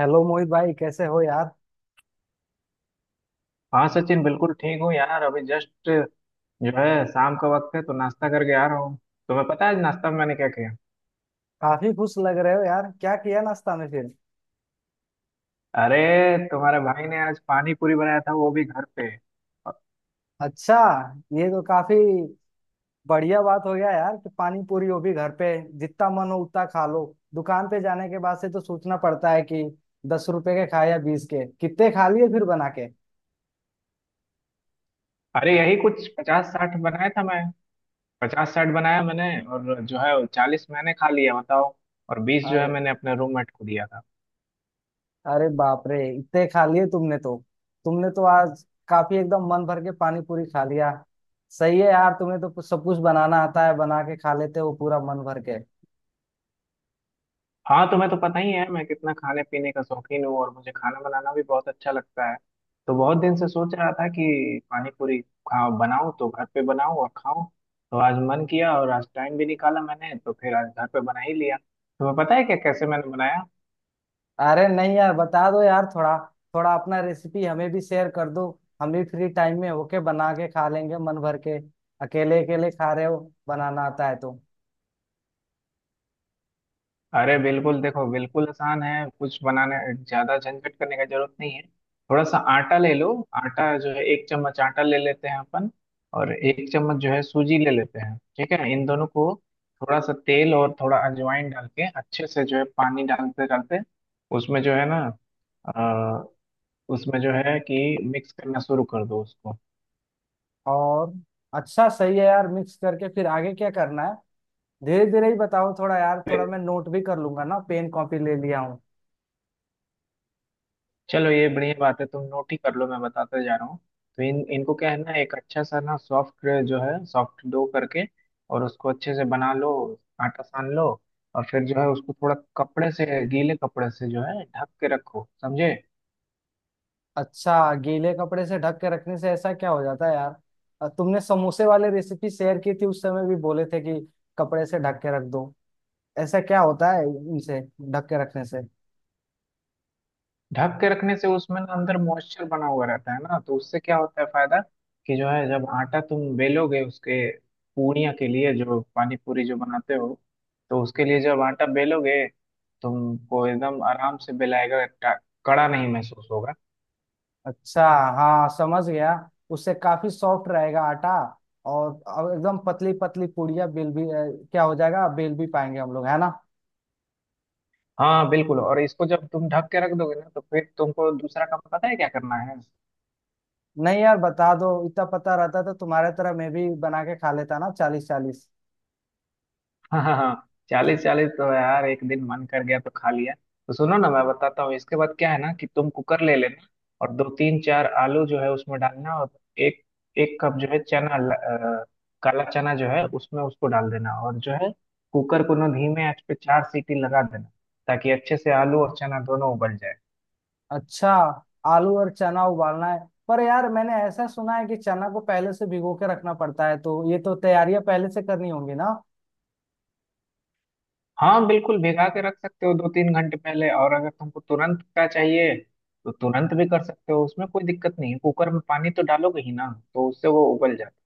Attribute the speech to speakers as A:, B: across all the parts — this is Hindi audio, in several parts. A: हेलो मोहित भाई, कैसे हो यार?
B: हाँ सचिन बिल्कुल ठीक हूँ यार, अभी जस्ट जो है शाम का वक्त है, तो नाश्ता करके आ रहा हूँ। तुम्हें पता है आज नाश्ता में मैंने क्या किया?
A: काफी खुश लग रहे हो यार, क्या किया नाश्ता में फिर?
B: अरे, तुम्हारे भाई ने आज पानी पूरी बनाया था, वो भी घर पे।
A: अच्छा। ये तो काफी बढ़िया बात हो गया यार कि पानी पूरी हो भी घर पे। जितना मन हो उतना खा लो। दुकान पे जाने के बाद से तो सोचना पड़ता है कि 10 रुपए के खाए या 20 के, कितने खा लिए फिर बना के।
B: अरे यही कुछ 50 60 बनाया था मैं। 50 60 बनाया मैंने। और जो है 40 मैंने खा लिया, बताओ। और 20 जो है
A: अरे।
B: मैंने अपने रूममेट को दिया था।
A: अरे बाप रे, इतने खा लिए तुमने तो। तुमने तो आज काफी एकदम मन भर के पानी पूरी खा लिया। सही है यार, तुम्हें तो सब कुछ बनाना आता है, बना के खा लेते हो पूरा मन भर के।
B: हाँ, तुम्हें तो पता ही है मैं कितना खाने पीने का शौकीन हूँ, और मुझे खाना बनाना भी बहुत अच्छा लगता है। तो बहुत दिन से सोच रहा था कि पानी पूरी खा बनाऊं तो घर पे बनाऊं और खाऊं। तो आज मन किया और आज टाइम भी निकाला मैंने, तो फिर आज घर पे बना ही लिया। तुम्हें पता है क्या कैसे मैंने बनाया?
A: अरे नहीं यार, बता दो यार, थोड़ा थोड़ा अपना रेसिपी हमें भी शेयर कर दो। हम भी फ्री टाइम में होके बना के खा लेंगे मन भर के। अकेले अकेले खा रहे हो। बनाना आता है तो।
B: अरे बिल्कुल, देखो बिल्कुल आसान है कुछ बनाने। ज्यादा झंझट करने का जरूरत नहीं है। थोड़ा सा आटा ले लो। आटा जो है 1 चम्मच आटा ले लेते हैं अपन। और 1 चम्मच जो है सूजी ले लेते हैं, ठीक है। इन दोनों को थोड़ा सा तेल और थोड़ा अजवाइन डाल के अच्छे से जो है पानी डालते डालते उसमें जो है ना, अ, उसमें जो है कि मिक्स करना शुरू कर दो उसको।
A: और। अच्छा, सही है यार, मिक्स करके फिर आगे क्या करना है। धीरे धीरे ही बताओ थोड़ा यार, थोड़ा मैं नोट भी कर लूंगा ना, पेन कॉपी ले लिया हूँ।
B: चलो ये बढ़िया बात है, तुम नोट ही कर लो, मैं बताता जा रहा हूँ। तो इन इनको क्या है ना, एक अच्छा सा ना सॉफ्ट जो है, सॉफ्ट डो करके और उसको अच्छे से बना लो, आटा सान लो। और फिर जो है उसको थोड़ा कपड़े से, गीले कपड़े से जो है ढक के रखो, समझे।
A: अच्छा, गीले कपड़े से ढक के रखने से ऐसा क्या हो जाता है यार? तुमने समोसे वाले रेसिपी शेयर की थी उस समय भी बोले थे कि कपड़े से ढक के रख दो। ऐसा क्या होता है इनसे ढक के रखने से?
B: ढक के रखने से उसमें ना अंदर मॉइस्चर बना हुआ रहता है ना, तो उससे क्या होता है फायदा कि जो है, जब आटा तुम बेलोगे उसके पूड़ियाँ के लिए, जो पानी पूरी जो बनाते हो, तो उसके लिए जब आटा बेलोगे तुमको एकदम आराम से बेलाएगा, कड़ा नहीं महसूस होगा।
A: अच्छा। हाँ समझ गया। उससे काफी सॉफ्ट रहेगा आटा। और अब एकदम पतली पतली पूड़ियाँ बेल भी क्या हो जाएगा, बेल भी पाएंगे हम लोग है ना?
B: हाँ बिल्कुल, और इसको जब तुम ढक के रख दोगे ना, तो फिर तुमको दूसरा काम पता है क्या करना है?
A: नहीं यार बता दो, इतना पता रहता तो तुम्हारे तरह मैं भी बना के खा लेता ना, 40-40।
B: हाँ हाँ हाँ। 40 40 तो यार, एक दिन मन कर गया तो खा लिया। तो सुनो ना, मैं बताता हूँ इसके बाद क्या है ना, कि तुम कुकर ले लेना। और दो तीन चार आलू जो है उसमें डालना। और एक 1 कप जो है काला चना जो है उसमें, उसको डाल देना। और जो है कुकर को ना धीमे आंच पे चार सीटी लगा देना, ताकि अच्छे से आलू और चना दोनों उबल जाए।
A: अच्छा। आलू और चना उबालना है। पर यार मैंने ऐसा सुना है कि चना को पहले से भिगो के रखना पड़ता है, तो ये तो तैयारियां पहले से करनी होंगी ना।
B: हाँ बिल्कुल, भिगा के रख सकते हो 2 3 घंटे पहले। और अगर तुमको तुरंत का चाहिए, तो तुरंत भी कर सकते हो, उसमें कोई दिक्कत नहीं है। कुकर में पानी तो डालोगे ही ना, तो उससे वो उबल जाता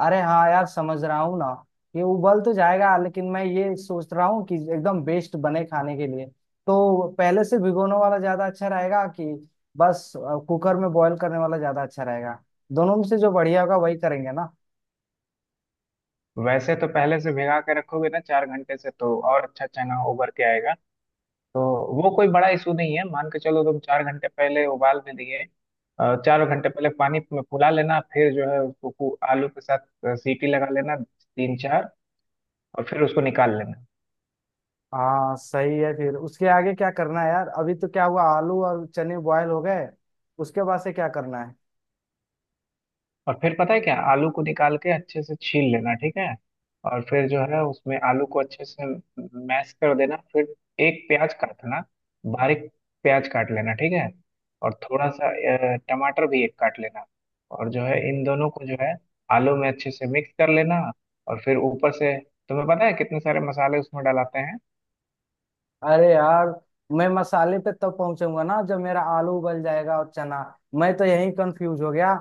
A: अरे हाँ यार, समझ रहा हूँ ना। ये उबल तो जाएगा लेकिन मैं ये सोच रहा हूँ कि एकदम बेस्ट बने खाने के लिए तो पहले से भिगोने वाला ज्यादा अच्छा रहेगा कि बस कुकर में बॉईल करने वाला ज्यादा अच्छा रहेगा। दोनों में से जो बढ़िया होगा वही करेंगे ना।
B: है। वैसे तो पहले से भिगा के रखोगे ना 4 घंटे से, तो और अच्छा चना उबर के आएगा। तो वो कोई बड़ा इशू नहीं है, मान के चलो तुम 4 घंटे पहले उबाल भी दिए। चार घंटे पहले पानी में फुला लेना, फिर जो है उसको आलू के साथ सीटी लगा लेना तीन चार। और फिर उसको निकाल लेना।
A: हाँ सही है, फिर उसके आगे क्या करना है यार? अभी तो क्या हुआ, आलू और चने बॉयल हो गए। उसके बाद से क्या करना है?
B: और फिर पता है क्या, आलू को निकाल के अच्छे से छील लेना, ठीक है। और फिर जो है उसमें आलू को अच्छे से मैश कर देना। फिर एक प्याज काटना बारीक, प्याज काट लेना, ठीक है। और थोड़ा सा टमाटर भी एक काट लेना। और जो है इन दोनों को जो है आलू में अच्छे से मिक्स कर लेना। और फिर ऊपर से तुम्हें पता है कितने सारे मसाले उसमें डलाते हैं।
A: अरे यार, मैं मसाले पे तब पहुंचूंगा ना जब मेरा आलू उबल जाएगा और चना। मैं तो यही कंफ्यूज हो गया,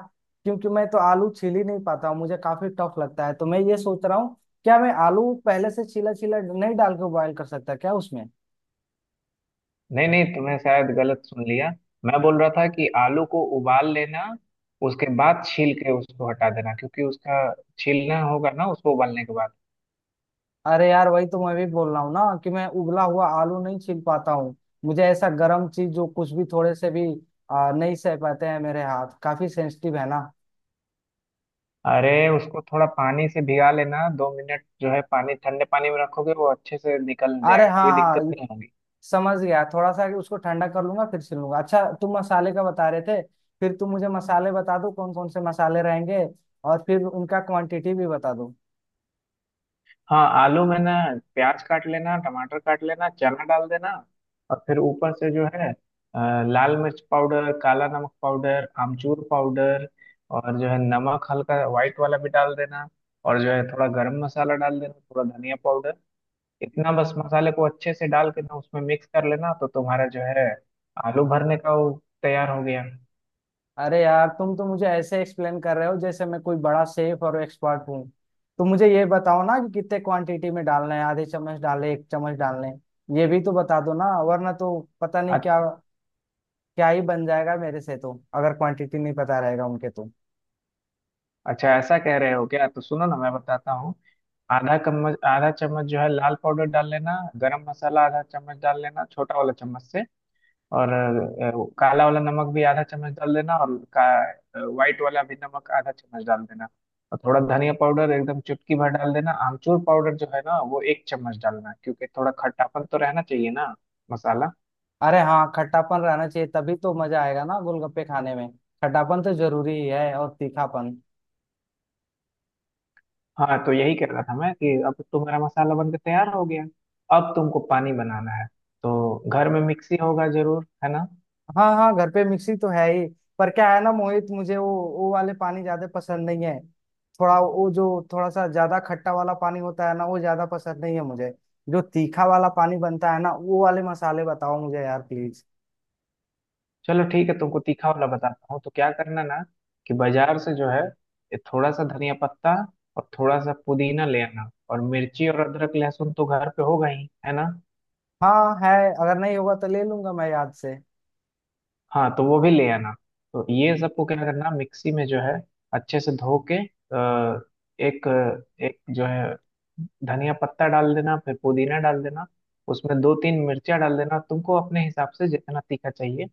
A: क्योंकि मैं तो आलू छील ही नहीं पाता हूँ, मुझे काफी टफ लगता है, तो मैं ये सोच रहा हूँ, क्या मैं आलू पहले से छीला छीला नहीं डाल के बॉयल कर सकता क्या उसमें?
B: नहीं नहीं, तुमने शायद गलत सुन लिया। मैं बोल रहा था कि आलू को उबाल लेना, उसके बाद छील के उसको हटा देना, क्योंकि उसका छीलना होगा ना उसको उबालने के बाद।
A: अरे यार, वही तो मैं भी बोल रहा हूँ ना कि मैं उबला हुआ आलू नहीं छील पाता हूँ। मुझे ऐसा गर्म चीज जो कुछ भी थोड़े से भी नहीं सह पाते हैं, मेरे हाथ काफी सेंसिटिव है ना।
B: अरे उसको थोड़ा पानी से भिगा लेना 2 मिनट, जो है पानी, ठंडे पानी में रखोगे वो अच्छे से निकल
A: अरे
B: जाएगा,
A: हाँ
B: कोई दिक्कत
A: हाँ,
B: नहीं होगी।
A: समझ गया, थोड़ा सा उसको ठंडा कर लूंगा फिर सिलूंगा। अच्छा, तुम मसाले का बता रहे थे, फिर तुम मुझे मसाले बता दो कौन कौन से मसाले रहेंगे, और फिर उनका क्वांटिटी भी बता दो।
B: हाँ आलू में ना प्याज काट लेना, टमाटर काट लेना, चना डाल देना। और फिर ऊपर से जो है लाल मिर्च पाउडर, काला नमक पाउडर, आमचूर पाउडर। और जो है नमक हल्का व्हाइट वाला भी डाल देना। और जो है थोड़ा गरम मसाला डाल देना, थोड़ा धनिया पाउडर। इतना बस मसाले को अच्छे से डाल के ना उसमें मिक्स कर लेना, तो तुम्हारा जो है आलू भरने का वो तैयार हो गया।
A: अरे यार, तुम तो मुझे ऐसे एक्सप्लेन कर रहे हो जैसे मैं कोई बड़ा शेफ और एक्सपर्ट हूँ। तो मुझे ये बताओ ना कि कितने क्वांटिटी में डालना है, आधे चम्मच डाले एक चम्मच डालने, ये भी तो बता दो ना, वरना तो पता नहीं क्या क्या ही बन जाएगा मेरे से, तो अगर क्वांटिटी नहीं पता रहेगा उनके तो।
B: अच्छा, ऐसा कह रहे हो क्या? तो सुनो ना, मैं बताता हूँ। आधा चम्मच, आधा चम्मच जो है लाल पाउडर डाल लेना। गरम मसाला आधा चम्मच डाल लेना, छोटा वाला चम्मच से। और काला वाला नमक भी आधा चम्मच डाल देना, और का व्हाइट वाला भी नमक आधा चम्मच डाल देना। और थोड़ा धनिया पाउडर एकदम चुटकी भर डाल देना। आमचूर पाउडर जो है ना, वो 1 चम्मच डालना, क्योंकि थोड़ा खट्टापन तो रहना चाहिए ना मसाला।
A: अरे हाँ, खट्टापन रहना चाहिए तभी तो मजा आएगा ना गोलगप्पे खाने में। खट्टापन तो जरूरी ही है और तीखापन।
B: हाँ तो यही कह रहा था मैं, कि अब तुम्हारा मसाला बनकर तैयार हो गया। अब तुमको पानी बनाना है। तो घर में मिक्सी होगा जरूर, है ना।
A: हाँ हाँ, घर पे मिक्सी तो है ही। पर क्या है ना मोहित, मुझे वो वाले पानी ज्यादा पसंद नहीं है। थोड़ा वो जो, थोड़ा सा ज्यादा खट्टा वाला पानी होता है ना, वो ज्यादा पसंद नहीं है मुझे। जो तीखा वाला पानी बनता है ना, वो वाले मसाले बताओ मुझे यार प्लीज।
B: चलो ठीक है, तुमको तीखा वाला बताता हूँ। तो क्या करना ना, कि बाजार से जो है ये थोड़ा सा धनिया पत्ता और थोड़ा सा पुदीना ले आना। और मिर्ची और अदरक लहसुन तो घर पे होगा ही, है ना।
A: हाँ है, अगर नहीं होगा तो ले लूंगा मैं याद से।
B: हाँ तो वो भी ले आना। तो ये सबको क्या करना, मिक्सी में जो है अच्छे से धो के, एक एक जो है धनिया पत्ता डाल देना, फिर पुदीना डाल देना। उसमें दो तीन मिर्चियाँ डाल देना, तुमको अपने हिसाब से जितना तीखा चाहिए।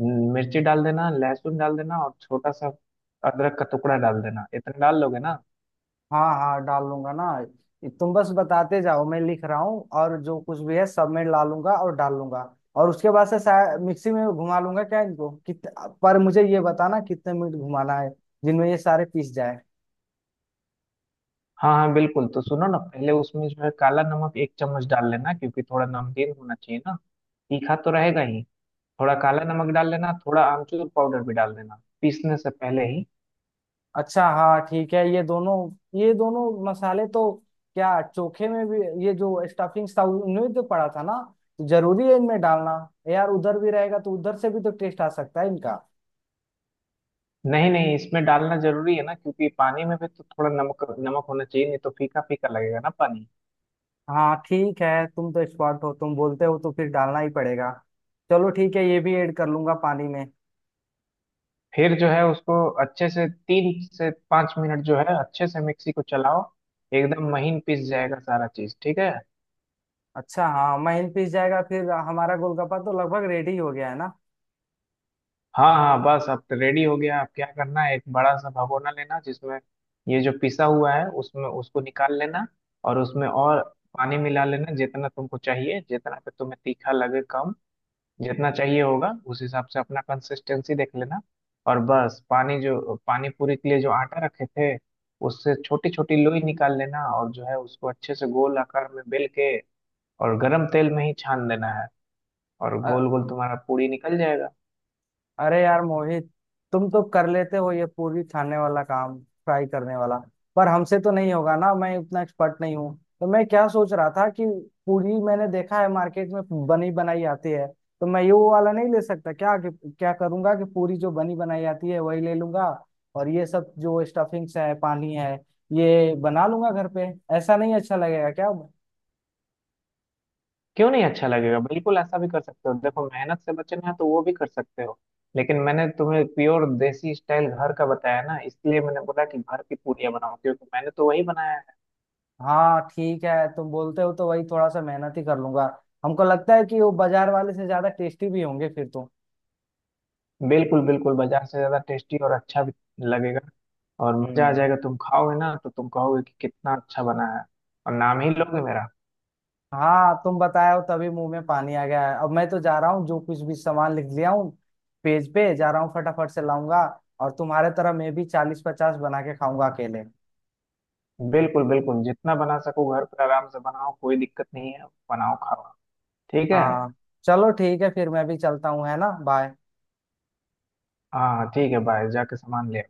B: मिर्ची डाल देना, लहसुन डाल देना, और छोटा सा अदरक का टुकड़ा डाल देना। इतना डाल लोगे ना।
A: हाँ हाँ, डाल लूंगा ना। तुम बस बताते जाओ, मैं लिख रहा हूँ, और जो कुछ भी है सब मैं ला लूंगा और डाल लूंगा। और उसके बाद से शायद मिक्सी में घुमा लूंगा, क्या इनको कित पर मुझे ये बताना कितने मिनट घुमाना है, जिनमें ये सारे पीस जाए।
B: हाँ हाँ बिल्कुल, तो सुनो ना, पहले उसमें जो है काला नमक 1 चम्मच डाल लेना, क्योंकि थोड़ा नमकीन होना चाहिए ना। तीखा तो रहेगा ही, थोड़ा काला नमक डाल लेना, थोड़ा आमचूर पाउडर भी डाल देना पीसने से पहले ही।
A: अच्छा हाँ ठीक है, ये दोनों मसाले तो, क्या चोखे में भी ये जो स्टफिंग था उनमें तो पड़ा था ना, तो जरूरी है इनमें डालना? यार उधर भी रहेगा तो उधर से भी तो टेस्ट आ सकता है इनका।
B: नहीं नहीं, इसमें डालना जरूरी है ना, क्योंकि पानी में भी तो थोड़ा नमक नमक होना चाहिए, नहीं तो फीका फीका लगेगा ना पानी।
A: हाँ ठीक है, तुम तो एक्सपर्ट हो, तुम बोलते हो तो फिर डालना ही पड़ेगा। चलो ठीक है, ये भी ऐड कर लूंगा पानी में।
B: फिर जो है उसको अच्छे से 3 से 5 मिनट जो है अच्छे से मिक्सी को चलाओ, एकदम महीन पीस जाएगा सारा चीज, ठीक है।
A: अच्छा हाँ महीन पिस जाएगा, फिर हमारा गोलगप्पा तो लगभग रेडी हो गया है ना।
B: हाँ हाँ बस, अब तो रेडी हो गया। अब क्या करना है, एक बड़ा सा भगोना लेना, जिसमें ये जो पिसा हुआ है उसमें उसको निकाल लेना। और उसमें और पानी मिला लेना, जितना तुमको चाहिए, जितना पे तुम्हें तीखा लगे कम, जितना चाहिए होगा उस हिसाब से अपना कंसिस्टेंसी देख लेना। और बस पानी, जो पानी पूरी के लिए जो आटा रखे थे, उससे छोटी छोटी लोई निकाल लेना, और जो है उसको अच्छे से गोल आकार में बेल के और गरम तेल में ही छान देना है, और गोल गोल तुम्हारा पूरी निकल जाएगा।
A: अरे यार मोहित, तुम तो कर लेते हो ये पूरी छानने वाला काम, फ्राई करने वाला, पर हमसे तो नहीं होगा ना, मैं उतना एक्सपर्ट नहीं हूँ। तो मैं क्या सोच रहा था कि पूरी मैंने देखा है मार्केट में बनी बनाई आती है, तो मैं ये वो वाला नहीं ले सकता क्या क्या करूंगा कि पूरी जो बनी बनाई आती है वही ले लूंगा, और ये सब जो स्टफिंग्स है, पानी है, ये बना लूंगा घर पे, ऐसा नहीं अच्छा लगेगा क्या?
B: क्यों नहीं अच्छा लगेगा, बिल्कुल ऐसा भी कर सकते हो, देखो मेहनत से बचना है तो वो भी कर सकते हो। लेकिन मैंने तुम्हें प्योर देसी स्टाइल घर का बताया ना, इसलिए मैंने बोला कि घर की पूड़ियाँ बनाओ, क्योंकि मैंने तो वही बनाया है।
A: हाँ ठीक है, तुम बोलते हो तो वही थोड़ा सा मेहनत ही कर लूंगा। हमको लगता है कि वो बाजार वाले से ज्यादा टेस्टी भी होंगे फिर तो।
B: बिल्कुल बिल्कुल, बाजार से ज्यादा टेस्टी और अच्छा भी लगेगा, और मजा आ
A: हम्म।
B: जाएगा। तुम खाओगे ना तो तुम कहोगे कि कितना अच्छा बना है, और नाम ही लोगे मेरा।
A: हाँ तुम बताए हो तभी मुंह में पानी आ गया है, अब मैं तो जा रहा हूँ, जो कुछ भी सामान लिख लिया हूँ, पेज पे जा रहा हूँ फटाफट से लाऊंगा, और तुम्हारे तरह मैं भी 40-50 बना के खाऊंगा अकेले।
B: बिल्कुल बिल्कुल, जितना बना सको घर पर आराम से बनाओ, कोई दिक्कत नहीं है, बनाओ खाओ, ठीक है।
A: हाँ। चलो ठीक है फिर, मैं भी चलता हूँ है ना, बाय।
B: हाँ ठीक है, बाय, जाके सामान ले।